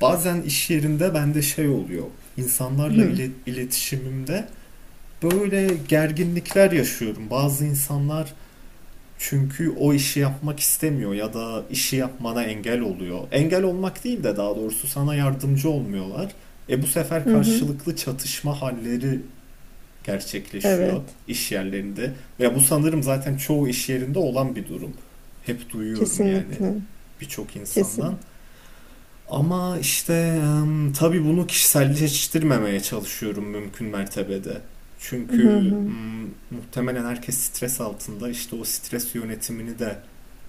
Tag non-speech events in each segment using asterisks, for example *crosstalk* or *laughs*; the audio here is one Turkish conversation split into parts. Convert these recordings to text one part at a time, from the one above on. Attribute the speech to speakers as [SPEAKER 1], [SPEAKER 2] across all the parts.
[SPEAKER 1] Bazen iş yerinde bende şey oluyor. İnsanlarla
[SPEAKER 2] Hı
[SPEAKER 1] iletişimimde böyle gerginlikler yaşıyorum. Bazı insanlar çünkü o işi yapmak istemiyor ya da işi yapmana engel oluyor. Engel olmak değil de daha doğrusu sana yardımcı olmuyorlar. E bu sefer
[SPEAKER 2] hı. Hı.
[SPEAKER 1] karşılıklı çatışma halleri gerçekleşiyor
[SPEAKER 2] Evet.
[SPEAKER 1] iş yerlerinde. Ve bu sanırım zaten çoğu iş yerinde olan bir durum. Hep duyuyorum yani
[SPEAKER 2] Kesinlikle.
[SPEAKER 1] birçok insandan.
[SPEAKER 2] Kesin.
[SPEAKER 1] Ama işte tabii bunu kişiselleştirmemeye çalışıyorum mümkün mertebede.
[SPEAKER 2] Hı
[SPEAKER 1] Çünkü
[SPEAKER 2] hı.
[SPEAKER 1] muhtemelen herkes stres altında. İşte o stres yönetimini de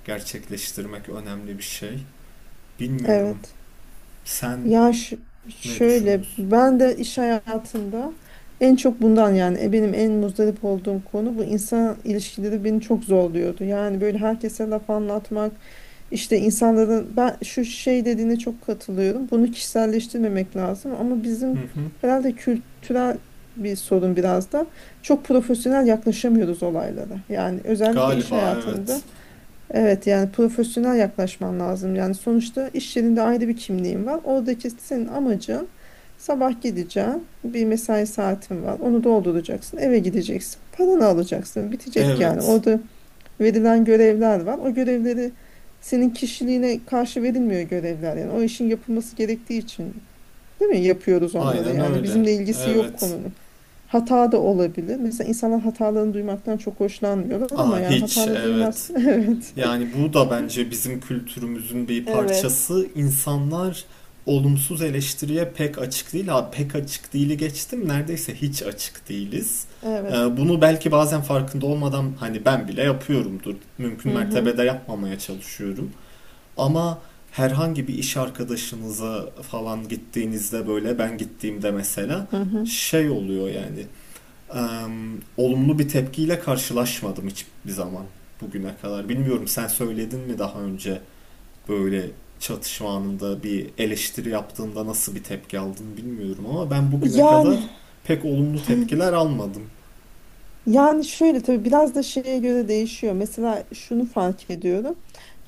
[SPEAKER 1] gerçekleştirmek önemli bir şey. Bilmiyorum.
[SPEAKER 2] Evet.
[SPEAKER 1] Sen
[SPEAKER 2] Ya,
[SPEAKER 1] ne
[SPEAKER 2] şöyle
[SPEAKER 1] düşünüyorsun?
[SPEAKER 2] ben de iş hayatında en çok bundan yani benim en muzdarip olduğum konu bu insan ilişkileri beni çok zorluyordu. Yani böyle herkese laf anlatmak işte insanların ben şu şey dediğine çok katılıyorum. Bunu kişiselleştirmemek lazım ama
[SPEAKER 1] Hı
[SPEAKER 2] bizim
[SPEAKER 1] hı.
[SPEAKER 2] herhalde kültürel bir sorun biraz da, çok profesyonel yaklaşamıyoruz olaylara. Yani özellikle iş
[SPEAKER 1] Galiba
[SPEAKER 2] hayatında.
[SPEAKER 1] evet.
[SPEAKER 2] Evet, yani profesyonel yaklaşman lazım. Yani sonuçta iş yerinde ayrı bir kimliğin var. Oradaki senin amacın, sabah gideceksin. Bir mesai saatin var. Onu dolduracaksın. Eve gideceksin. Paranı alacaksın. Bitecek yani.
[SPEAKER 1] Evet.
[SPEAKER 2] Orada verilen görevler var. O görevleri senin kişiliğine karşı verilmiyor görevler. Yani o işin yapılması gerektiği için, değil mi? Yapıyoruz onları
[SPEAKER 1] Aynen
[SPEAKER 2] yani.
[SPEAKER 1] öyle.
[SPEAKER 2] Bizimle ilgisi yok
[SPEAKER 1] Evet.
[SPEAKER 2] konunun. Hata da olabilir. Mesela insanlar hatalarını duymaktan çok hoşlanmıyorlar ama
[SPEAKER 1] Aa
[SPEAKER 2] yani
[SPEAKER 1] hiç
[SPEAKER 2] hatanı duymaz.
[SPEAKER 1] evet.
[SPEAKER 2] *laughs* Evet.
[SPEAKER 1] Yani bu da bence bizim kültürümüzün bir
[SPEAKER 2] Evet,
[SPEAKER 1] parçası. İnsanlar olumsuz eleştiriye pek açık değil. Ha, pek açık değili geçtim. Neredeyse hiç açık değiliz.
[SPEAKER 2] evet.
[SPEAKER 1] Bunu belki bazen farkında olmadan hani ben bile yapıyorumdur. Mümkün
[SPEAKER 2] Hı hı,
[SPEAKER 1] mertebede yapmamaya çalışıyorum. Ama herhangi bir iş arkadaşınıza falan gittiğinizde böyle ben gittiğimde mesela
[SPEAKER 2] hı hı.
[SPEAKER 1] şey oluyor yani e, olumlu bir tepkiyle karşılaşmadım hiçbir zaman bugüne kadar. Bilmiyorum sen söyledin mi daha önce böyle çatışma anında bir eleştiri yaptığında nasıl bir tepki aldın bilmiyorum ama ben bugüne kadar
[SPEAKER 2] Yani
[SPEAKER 1] pek olumlu tepkiler almadım.
[SPEAKER 2] yani şöyle, tabii biraz da şeye göre değişiyor. Mesela şunu fark ediyorum.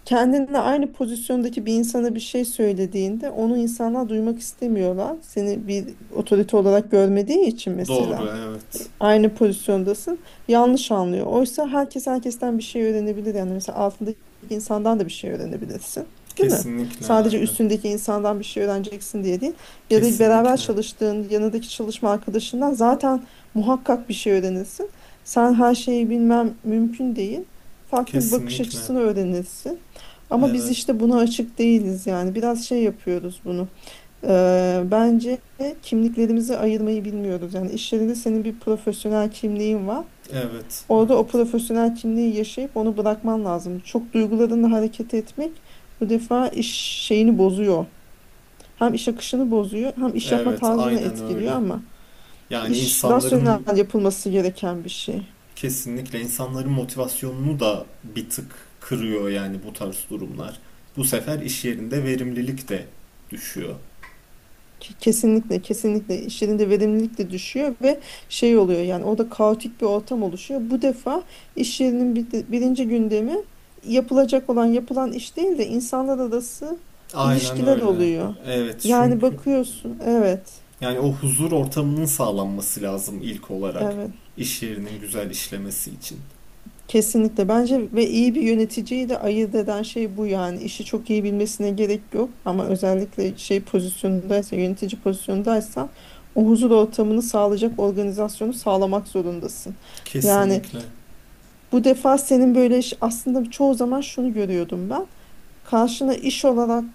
[SPEAKER 2] Kendinle aynı pozisyondaki bir insana bir şey söylediğinde onu insanlar duymak istemiyorlar. Seni bir otorite olarak görmediği için
[SPEAKER 1] Doğru,
[SPEAKER 2] mesela. E,
[SPEAKER 1] evet.
[SPEAKER 2] aynı pozisyondasın, yanlış anlıyor. Oysa herkes herkesten bir şey öğrenebilir. Yani mesela altındaki insandan da bir şey öğrenebilirsin. Değil mi?
[SPEAKER 1] Kesinlikle,
[SPEAKER 2] Sadece
[SPEAKER 1] aynen.
[SPEAKER 2] üstündeki insandan bir şey öğreneceksin diye değil. Ya da beraber
[SPEAKER 1] Kesinlikle,
[SPEAKER 2] çalıştığın yanındaki çalışma arkadaşından zaten muhakkak bir şey öğrenirsin. Sen her şeyi bilmem mümkün değil, farklı bir bakış
[SPEAKER 1] kesinlikle.
[SPEAKER 2] açısını öğrenirsin. Ama biz
[SPEAKER 1] Evet,
[SPEAKER 2] işte buna açık değiliz yani. Biraz şey yapıyoruz bunu. Bence kimliklerimizi ayırmayı bilmiyoruz. Yani iş yerinde senin bir profesyonel kimliğin var.
[SPEAKER 1] evet,
[SPEAKER 2] Orada o
[SPEAKER 1] evet.
[SPEAKER 2] profesyonel kimliği yaşayıp onu bırakman lazım. Çok duygularınla hareket etmek bu defa iş şeyini bozuyor. Hem iş akışını bozuyor, hem iş yapma
[SPEAKER 1] Evet,
[SPEAKER 2] tarzını
[SPEAKER 1] aynen
[SPEAKER 2] etkiliyor
[SPEAKER 1] öyle.
[SPEAKER 2] ama
[SPEAKER 1] Yani
[SPEAKER 2] iş rasyonel
[SPEAKER 1] insanların
[SPEAKER 2] yapılması gereken bir şey.
[SPEAKER 1] kesinlikle insanların motivasyonunu da bir tık kırıyor yani bu tarz durumlar. Bu sefer iş yerinde verimlilik de düşüyor.
[SPEAKER 2] Kesinlikle, kesinlikle işlerinde verimlilik de düşüyor ve şey oluyor yani, orada kaotik bir ortam oluşuyor. Bu defa iş yerinin bir birinci gündemi yapılacak olan yapılan iş değil de insanlar arası
[SPEAKER 1] Aynen
[SPEAKER 2] ilişkiler
[SPEAKER 1] öyle.
[SPEAKER 2] oluyor.
[SPEAKER 1] Evet
[SPEAKER 2] Yani
[SPEAKER 1] çünkü
[SPEAKER 2] bakıyorsun, evet,
[SPEAKER 1] yani o huzur ortamının sağlanması lazım ilk olarak
[SPEAKER 2] evet,
[SPEAKER 1] iş yerinin güzel işlemesi için.
[SPEAKER 2] kesinlikle, bence ve iyi bir yöneticiyi de ayırt eden şey bu yani. İşi çok iyi bilmesine gerek yok ama özellikle şey pozisyonundaysa, yönetici pozisyondaysan, o huzur ortamını sağlayacak organizasyonu sağlamak zorundasın. Yani
[SPEAKER 1] Kesinlikle.
[SPEAKER 2] bu defa senin böyle aslında çoğu zaman şunu görüyordum ben. Karşına iş olarak,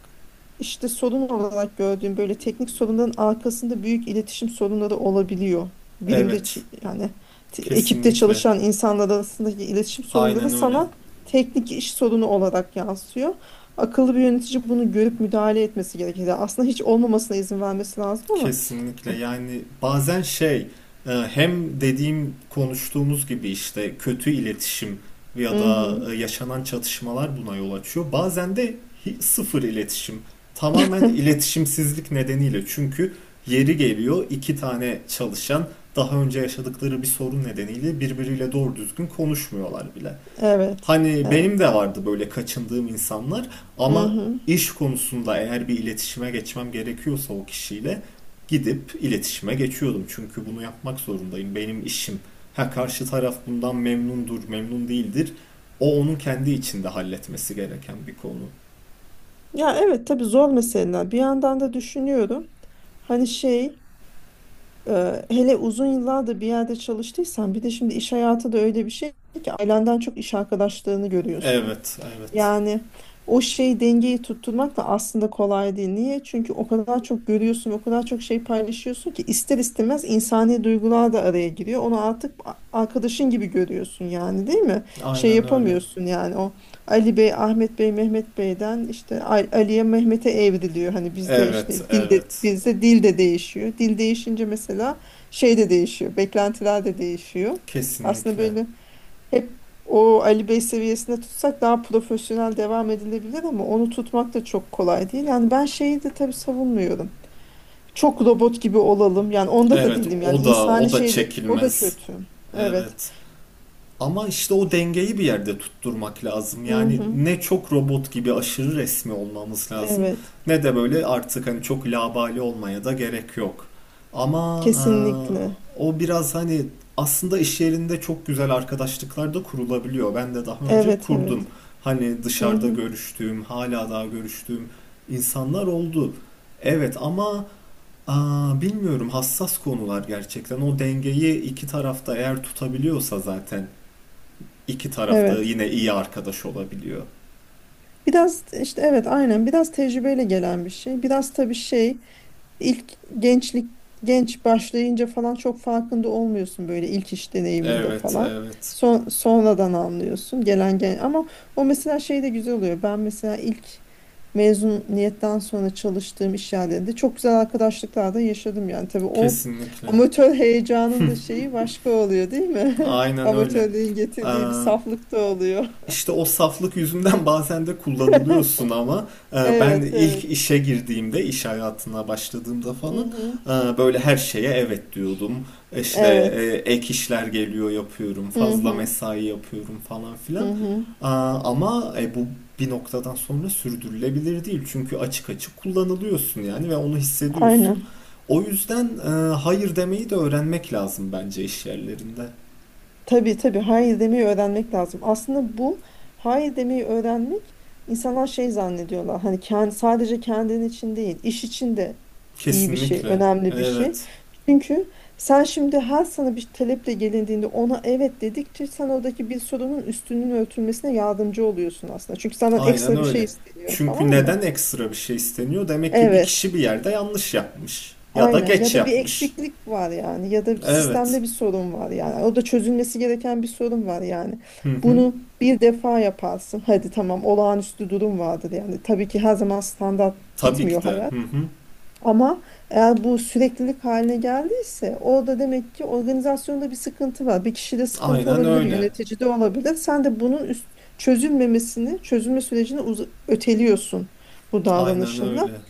[SPEAKER 2] işte sorun olarak gördüğüm böyle teknik sorunların arkasında büyük iletişim sorunları olabiliyor. Birimde
[SPEAKER 1] Evet,
[SPEAKER 2] ekipte
[SPEAKER 1] kesinlikle.
[SPEAKER 2] çalışan insanlar arasındaki iletişim sorunları
[SPEAKER 1] Aynen öyle.
[SPEAKER 2] sana teknik iş sorunu olarak yansıyor. Akıllı bir yönetici bunu görüp müdahale etmesi gerekir. Yani aslında hiç olmamasına izin vermesi lazım ama.
[SPEAKER 1] Kesinlikle yani bazen şey hem dediğim konuştuğumuz gibi işte kötü iletişim ya
[SPEAKER 2] Hı
[SPEAKER 1] da
[SPEAKER 2] hı.
[SPEAKER 1] yaşanan çatışmalar buna yol açıyor. Bazen de sıfır iletişim tamamen
[SPEAKER 2] *laughs*
[SPEAKER 1] iletişimsizlik nedeniyle çünkü yeri geliyor iki tane çalışan daha önce yaşadıkları bir sorun nedeniyle birbiriyle doğru düzgün konuşmuyorlar bile.
[SPEAKER 2] Evet,
[SPEAKER 1] Hani benim
[SPEAKER 2] evet.
[SPEAKER 1] de vardı böyle kaçındığım insanlar
[SPEAKER 2] Hı
[SPEAKER 1] ama
[SPEAKER 2] hı.
[SPEAKER 1] iş konusunda eğer bir iletişime geçmem gerekiyorsa o kişiyle gidip iletişime geçiyordum. Çünkü bunu yapmak zorundayım. Benim işim. Ha karşı taraf bundan memnundur, memnun değildir. O onun kendi içinde halletmesi gereken bir konu.
[SPEAKER 2] Ya evet, tabii zor meseleler. Bir yandan da düşünüyorum. Hani şey, hele uzun yıllardır bir yerde çalıştıysan, bir de şimdi iş hayatı da öyle bir şey ki, ailenden çok iş arkadaşlarını görüyorsun.
[SPEAKER 1] Evet, evet.
[SPEAKER 2] Yani o şey dengeyi tutturmak da aslında kolay değil. Niye? Çünkü o kadar çok görüyorsun, o kadar çok şey paylaşıyorsun ki ister istemez insani duygular da araya giriyor. Onu artık arkadaşın gibi görüyorsun yani, değil mi? Şey
[SPEAKER 1] Aynen öyle.
[SPEAKER 2] yapamıyorsun yani, o Ali Bey, Ahmet Bey, Mehmet Bey'den işte Ali'ye, Mehmet'e evriliyor. Hani
[SPEAKER 1] Evet, evet.
[SPEAKER 2] bizde dil de değişiyor. Dil değişince mesela şey de değişiyor, beklentiler de değişiyor. Aslında
[SPEAKER 1] Kesinlikle.
[SPEAKER 2] böyle hep o Ali Bey seviyesinde tutsak daha profesyonel devam edilebilir ama onu tutmak da çok kolay değil. Yani ben şeyi de tabii savunmuyorum. Çok robot gibi olalım. Yani onda da
[SPEAKER 1] Evet,
[SPEAKER 2] değilim. Yani
[SPEAKER 1] o da
[SPEAKER 2] insani
[SPEAKER 1] o da
[SPEAKER 2] şeyle o da
[SPEAKER 1] çekilmez.
[SPEAKER 2] kötü. Evet.
[SPEAKER 1] Evet. Ama işte o dengeyi bir yerde tutturmak lazım.
[SPEAKER 2] Hı
[SPEAKER 1] Yani
[SPEAKER 2] hı.
[SPEAKER 1] ne çok robot gibi aşırı resmi olmamız lazım
[SPEAKER 2] Evet.
[SPEAKER 1] ne de böyle artık hani çok labali olmaya da gerek yok. Ama
[SPEAKER 2] Kesinlikle.
[SPEAKER 1] o biraz hani aslında iş yerinde çok güzel arkadaşlıklar da kurulabiliyor. Ben de daha önce
[SPEAKER 2] Evet,
[SPEAKER 1] kurdum.
[SPEAKER 2] evet.
[SPEAKER 1] Hani
[SPEAKER 2] Hı
[SPEAKER 1] dışarıda
[SPEAKER 2] hı.
[SPEAKER 1] görüştüğüm, hala daha görüştüğüm insanlar oldu. Evet ama Aa, bilmiyorum hassas konular gerçekten. O dengeyi iki tarafta eğer tutabiliyorsa zaten iki tarafta
[SPEAKER 2] Evet.
[SPEAKER 1] yine iyi arkadaş olabiliyor.
[SPEAKER 2] Biraz işte evet, aynen, biraz tecrübeyle gelen bir şey. Biraz tabii şey. İlk gençlik genç başlayınca falan çok farkında olmuyorsun böyle, ilk iş deneyiminde
[SPEAKER 1] Evet,
[SPEAKER 2] falan.
[SPEAKER 1] evet.
[SPEAKER 2] Sonradan anlıyorsun gelen gelen, ama o mesela şey de güzel oluyor. Ben mesela ilk mezuniyetten sonra çalıştığım iş yerlerinde çok güzel arkadaşlıklar da yaşadım yani. Tabii o
[SPEAKER 1] Kesinlikle.
[SPEAKER 2] amatör heyecanın da şeyi başka oluyor, değil mi? *laughs*
[SPEAKER 1] Aynen öyle.
[SPEAKER 2] Amatörlüğün
[SPEAKER 1] Ee,
[SPEAKER 2] getirdiği bir saflık da oluyor. *laughs*
[SPEAKER 1] İşte o saflık yüzünden *laughs* bazen de kullanılıyorsun ama ben
[SPEAKER 2] Evet,
[SPEAKER 1] ilk
[SPEAKER 2] evet.
[SPEAKER 1] işe girdiğimde, iş hayatına başladığımda
[SPEAKER 2] Hı
[SPEAKER 1] falan
[SPEAKER 2] hı.
[SPEAKER 1] böyle her şeye evet diyordum. İşte
[SPEAKER 2] Evet.
[SPEAKER 1] ek işler geliyor yapıyorum,
[SPEAKER 2] Hı
[SPEAKER 1] fazla
[SPEAKER 2] hı.
[SPEAKER 1] mesai yapıyorum falan
[SPEAKER 2] Hı
[SPEAKER 1] filan.
[SPEAKER 2] hı.
[SPEAKER 1] Ama bu bir noktadan sonra sürdürülebilir değil. Çünkü açık açık kullanılıyorsun yani ve onu hissediyorsun.
[SPEAKER 2] Aynen.
[SPEAKER 1] O yüzden hayır demeyi de öğrenmek lazım bence iş yerlerinde.
[SPEAKER 2] Tabii, tabii hayır demeyi öğrenmek lazım. Aslında bu hayır demeyi öğrenmek, insanlar şey zannediyorlar. Hani kendi, sadece kendin için değil, iş için de iyi bir şey,
[SPEAKER 1] Kesinlikle.
[SPEAKER 2] önemli bir şey.
[SPEAKER 1] Evet.
[SPEAKER 2] Çünkü sen şimdi her sana bir taleple gelindiğinde ona evet dedikçe, sen oradaki bir sorunun üstünün örtülmesine yardımcı oluyorsun aslında. Çünkü senden
[SPEAKER 1] Aynen
[SPEAKER 2] ekstra bir şey
[SPEAKER 1] öyle.
[SPEAKER 2] isteniyor, tamam
[SPEAKER 1] Çünkü
[SPEAKER 2] mı?
[SPEAKER 1] neden ekstra bir şey isteniyor? Demek ki bir
[SPEAKER 2] Evet.
[SPEAKER 1] kişi bir yerde yanlış yapmış. Ya da
[SPEAKER 2] Aynen, ya
[SPEAKER 1] geç
[SPEAKER 2] da bir
[SPEAKER 1] yapmış.
[SPEAKER 2] eksiklik var yani, ya da
[SPEAKER 1] Evet.
[SPEAKER 2] sistemde bir sorun var yani, o da çözülmesi gereken bir sorun var yani.
[SPEAKER 1] Hı hı.
[SPEAKER 2] Bunu bir defa yaparsın, hadi tamam, olağanüstü durum vardır yani, tabii ki her zaman standart
[SPEAKER 1] Tabii ki
[SPEAKER 2] gitmiyor
[SPEAKER 1] de. Hı
[SPEAKER 2] hayat,
[SPEAKER 1] hı.
[SPEAKER 2] ama eğer bu süreklilik haline geldiyse, orada demek ki organizasyonda bir sıkıntı var, bir kişide sıkıntı
[SPEAKER 1] Aynen
[SPEAKER 2] olabilir,
[SPEAKER 1] öyle.
[SPEAKER 2] yöneticide olabilir, sen de bunun çözülmemesini, çözülme sürecini öteliyorsun bu
[SPEAKER 1] Aynen
[SPEAKER 2] davranışınla.
[SPEAKER 1] öyle.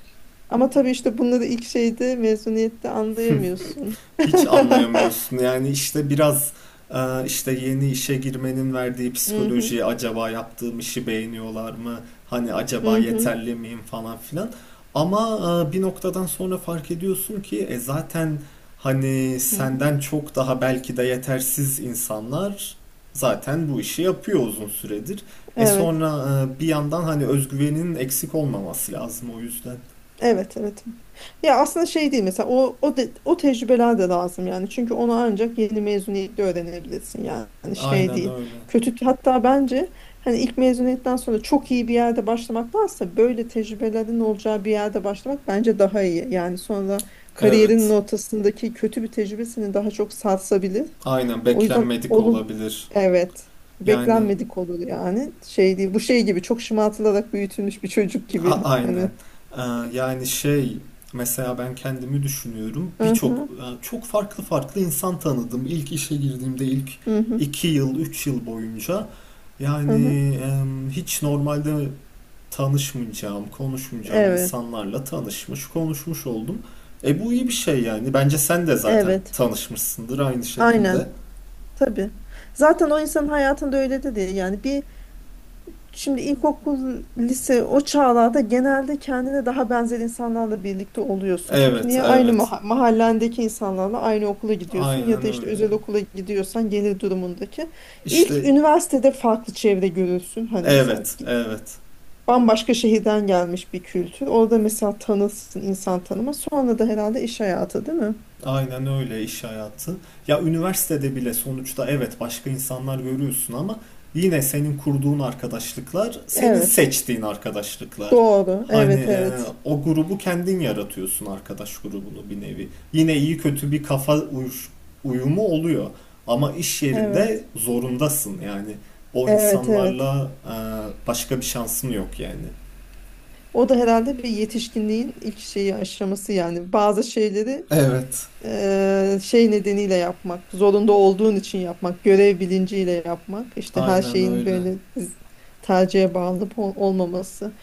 [SPEAKER 2] Ama tabii işte bunları ilk şeyde, mezuniyette anlayamıyorsun. *laughs*
[SPEAKER 1] Hiç anlayamıyorsun. Yani işte biraz işte yeni işe girmenin verdiği
[SPEAKER 2] Mhm,
[SPEAKER 1] psikoloji acaba yaptığım işi beğeniyorlar mı? Hani acaba
[SPEAKER 2] mhm,
[SPEAKER 1] yeterli miyim falan filan. Ama bir noktadan sonra fark ediyorsun ki zaten hani
[SPEAKER 2] mhm.
[SPEAKER 1] senden çok daha belki de yetersiz insanlar zaten bu işi yapıyor uzun süredir. E
[SPEAKER 2] Evet.
[SPEAKER 1] sonra bir yandan hani özgüvenin eksik olmaması lazım o yüzden.
[SPEAKER 2] Evet, evet, evet. Ya aslında şey değil, mesela o tecrübeler de lazım yani. Çünkü onu ancak yeni mezuniyetle öğrenebilirsin yani. Hani şey
[SPEAKER 1] Aynen
[SPEAKER 2] değil.
[SPEAKER 1] öyle.
[SPEAKER 2] Kötü, hatta bence hani ilk mezuniyetten sonra çok iyi bir yerde başlamaktansa, böyle tecrübelerin olacağı bir yerde başlamak bence daha iyi. Yani sonra kariyerinin
[SPEAKER 1] Evet.
[SPEAKER 2] ortasındaki kötü bir tecrübe seni daha çok sarsabilir.
[SPEAKER 1] Aynen
[SPEAKER 2] O yüzden
[SPEAKER 1] beklenmedik
[SPEAKER 2] olun,
[SPEAKER 1] olabilir.
[SPEAKER 2] evet.
[SPEAKER 1] Yani
[SPEAKER 2] Beklenmedik olur yani. Şey değil. Bu şey gibi, çok şımartılarak büyütülmüş bir çocuk gibi
[SPEAKER 1] aynen.
[SPEAKER 2] hani.
[SPEAKER 1] Ee, yani şey mesela ben kendimi düşünüyorum. Birçok
[SPEAKER 2] Aha.
[SPEAKER 1] çok farklı farklı insan tanıdım. İlk işe girdiğimde ilk
[SPEAKER 2] Hı hı,
[SPEAKER 1] 2 yıl 3 yıl boyunca
[SPEAKER 2] hı hı.
[SPEAKER 1] yani hiç normalde tanışmayacağım, konuşmayacağım
[SPEAKER 2] Evet,
[SPEAKER 1] insanlarla tanışmış, konuşmuş oldum. E bu iyi bir şey yani. Bence sen de zaten
[SPEAKER 2] evet,
[SPEAKER 1] tanışmışsındır aynı şekilde.
[SPEAKER 2] aynen, tabii. Zaten o insanın hayatında öyle de değil. Yani bir, şimdi ilkokul, lise, o çağlarda genelde kendine daha benzer insanlarla birlikte oluyorsun. Çünkü
[SPEAKER 1] Evet,
[SPEAKER 2] niye, aynı
[SPEAKER 1] evet.
[SPEAKER 2] mahallendeki insanlarla aynı okula gidiyorsun, ya
[SPEAKER 1] Aynen
[SPEAKER 2] da işte
[SPEAKER 1] öyle.
[SPEAKER 2] özel okula gidiyorsan gelir durumundaki. İlk
[SPEAKER 1] İşte
[SPEAKER 2] üniversitede farklı çevre görürsün. Hani mesela
[SPEAKER 1] evet, evet.
[SPEAKER 2] bambaşka şehirden gelmiş bir kültür. Orada mesela tanırsın, insan tanıma. Sonra da herhalde iş hayatı, değil mi?
[SPEAKER 1] Aynen öyle iş hayatı. Ya üniversitede bile sonuçta evet başka insanlar görüyorsun ama yine senin kurduğun arkadaşlıklar, senin
[SPEAKER 2] Evet.
[SPEAKER 1] seçtiğin arkadaşlıklar.
[SPEAKER 2] Doğru.
[SPEAKER 1] Hani
[SPEAKER 2] Evet, evet.
[SPEAKER 1] o grubu kendin yaratıyorsun arkadaş grubunu bir nevi. Yine iyi kötü bir uyumu oluyor. Ama iş yerinde
[SPEAKER 2] Evet.
[SPEAKER 1] zorundasın yani. O
[SPEAKER 2] Evet, evet.
[SPEAKER 1] insanlarla başka bir şansın yok yani.
[SPEAKER 2] O da herhalde bir yetişkinliğin ilk şeyi, aşaması yani. Bazı şeyleri
[SPEAKER 1] Evet,
[SPEAKER 2] şey nedeniyle yapmak, zorunda olduğun için yapmak, görev bilinciyle yapmak, işte her
[SPEAKER 1] aynen
[SPEAKER 2] şeyin
[SPEAKER 1] öyle.
[SPEAKER 2] böyle tercihe bağlı olmaması.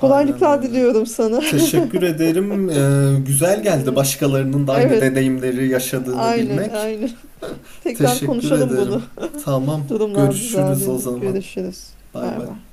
[SPEAKER 1] Aynen öyle.
[SPEAKER 2] diliyorum sana.
[SPEAKER 1] Teşekkür
[SPEAKER 2] *laughs*
[SPEAKER 1] ederim. Güzel geldi
[SPEAKER 2] Eee,
[SPEAKER 1] başkalarının da aynı
[SPEAKER 2] Evet,
[SPEAKER 1] deneyimleri yaşadığını
[SPEAKER 2] aynı,
[SPEAKER 1] bilmek.
[SPEAKER 2] aynı. *laughs* Tekrar
[SPEAKER 1] Teşekkür
[SPEAKER 2] konuşalım
[SPEAKER 1] ederim.
[SPEAKER 2] bunu.
[SPEAKER 1] Tamam,
[SPEAKER 2] *laughs* Durumlar
[SPEAKER 1] görüşürüz o
[SPEAKER 2] düzeldiğinde
[SPEAKER 1] zaman.
[SPEAKER 2] görüşürüz.
[SPEAKER 1] Bay
[SPEAKER 2] Bay
[SPEAKER 1] bay.
[SPEAKER 2] bay.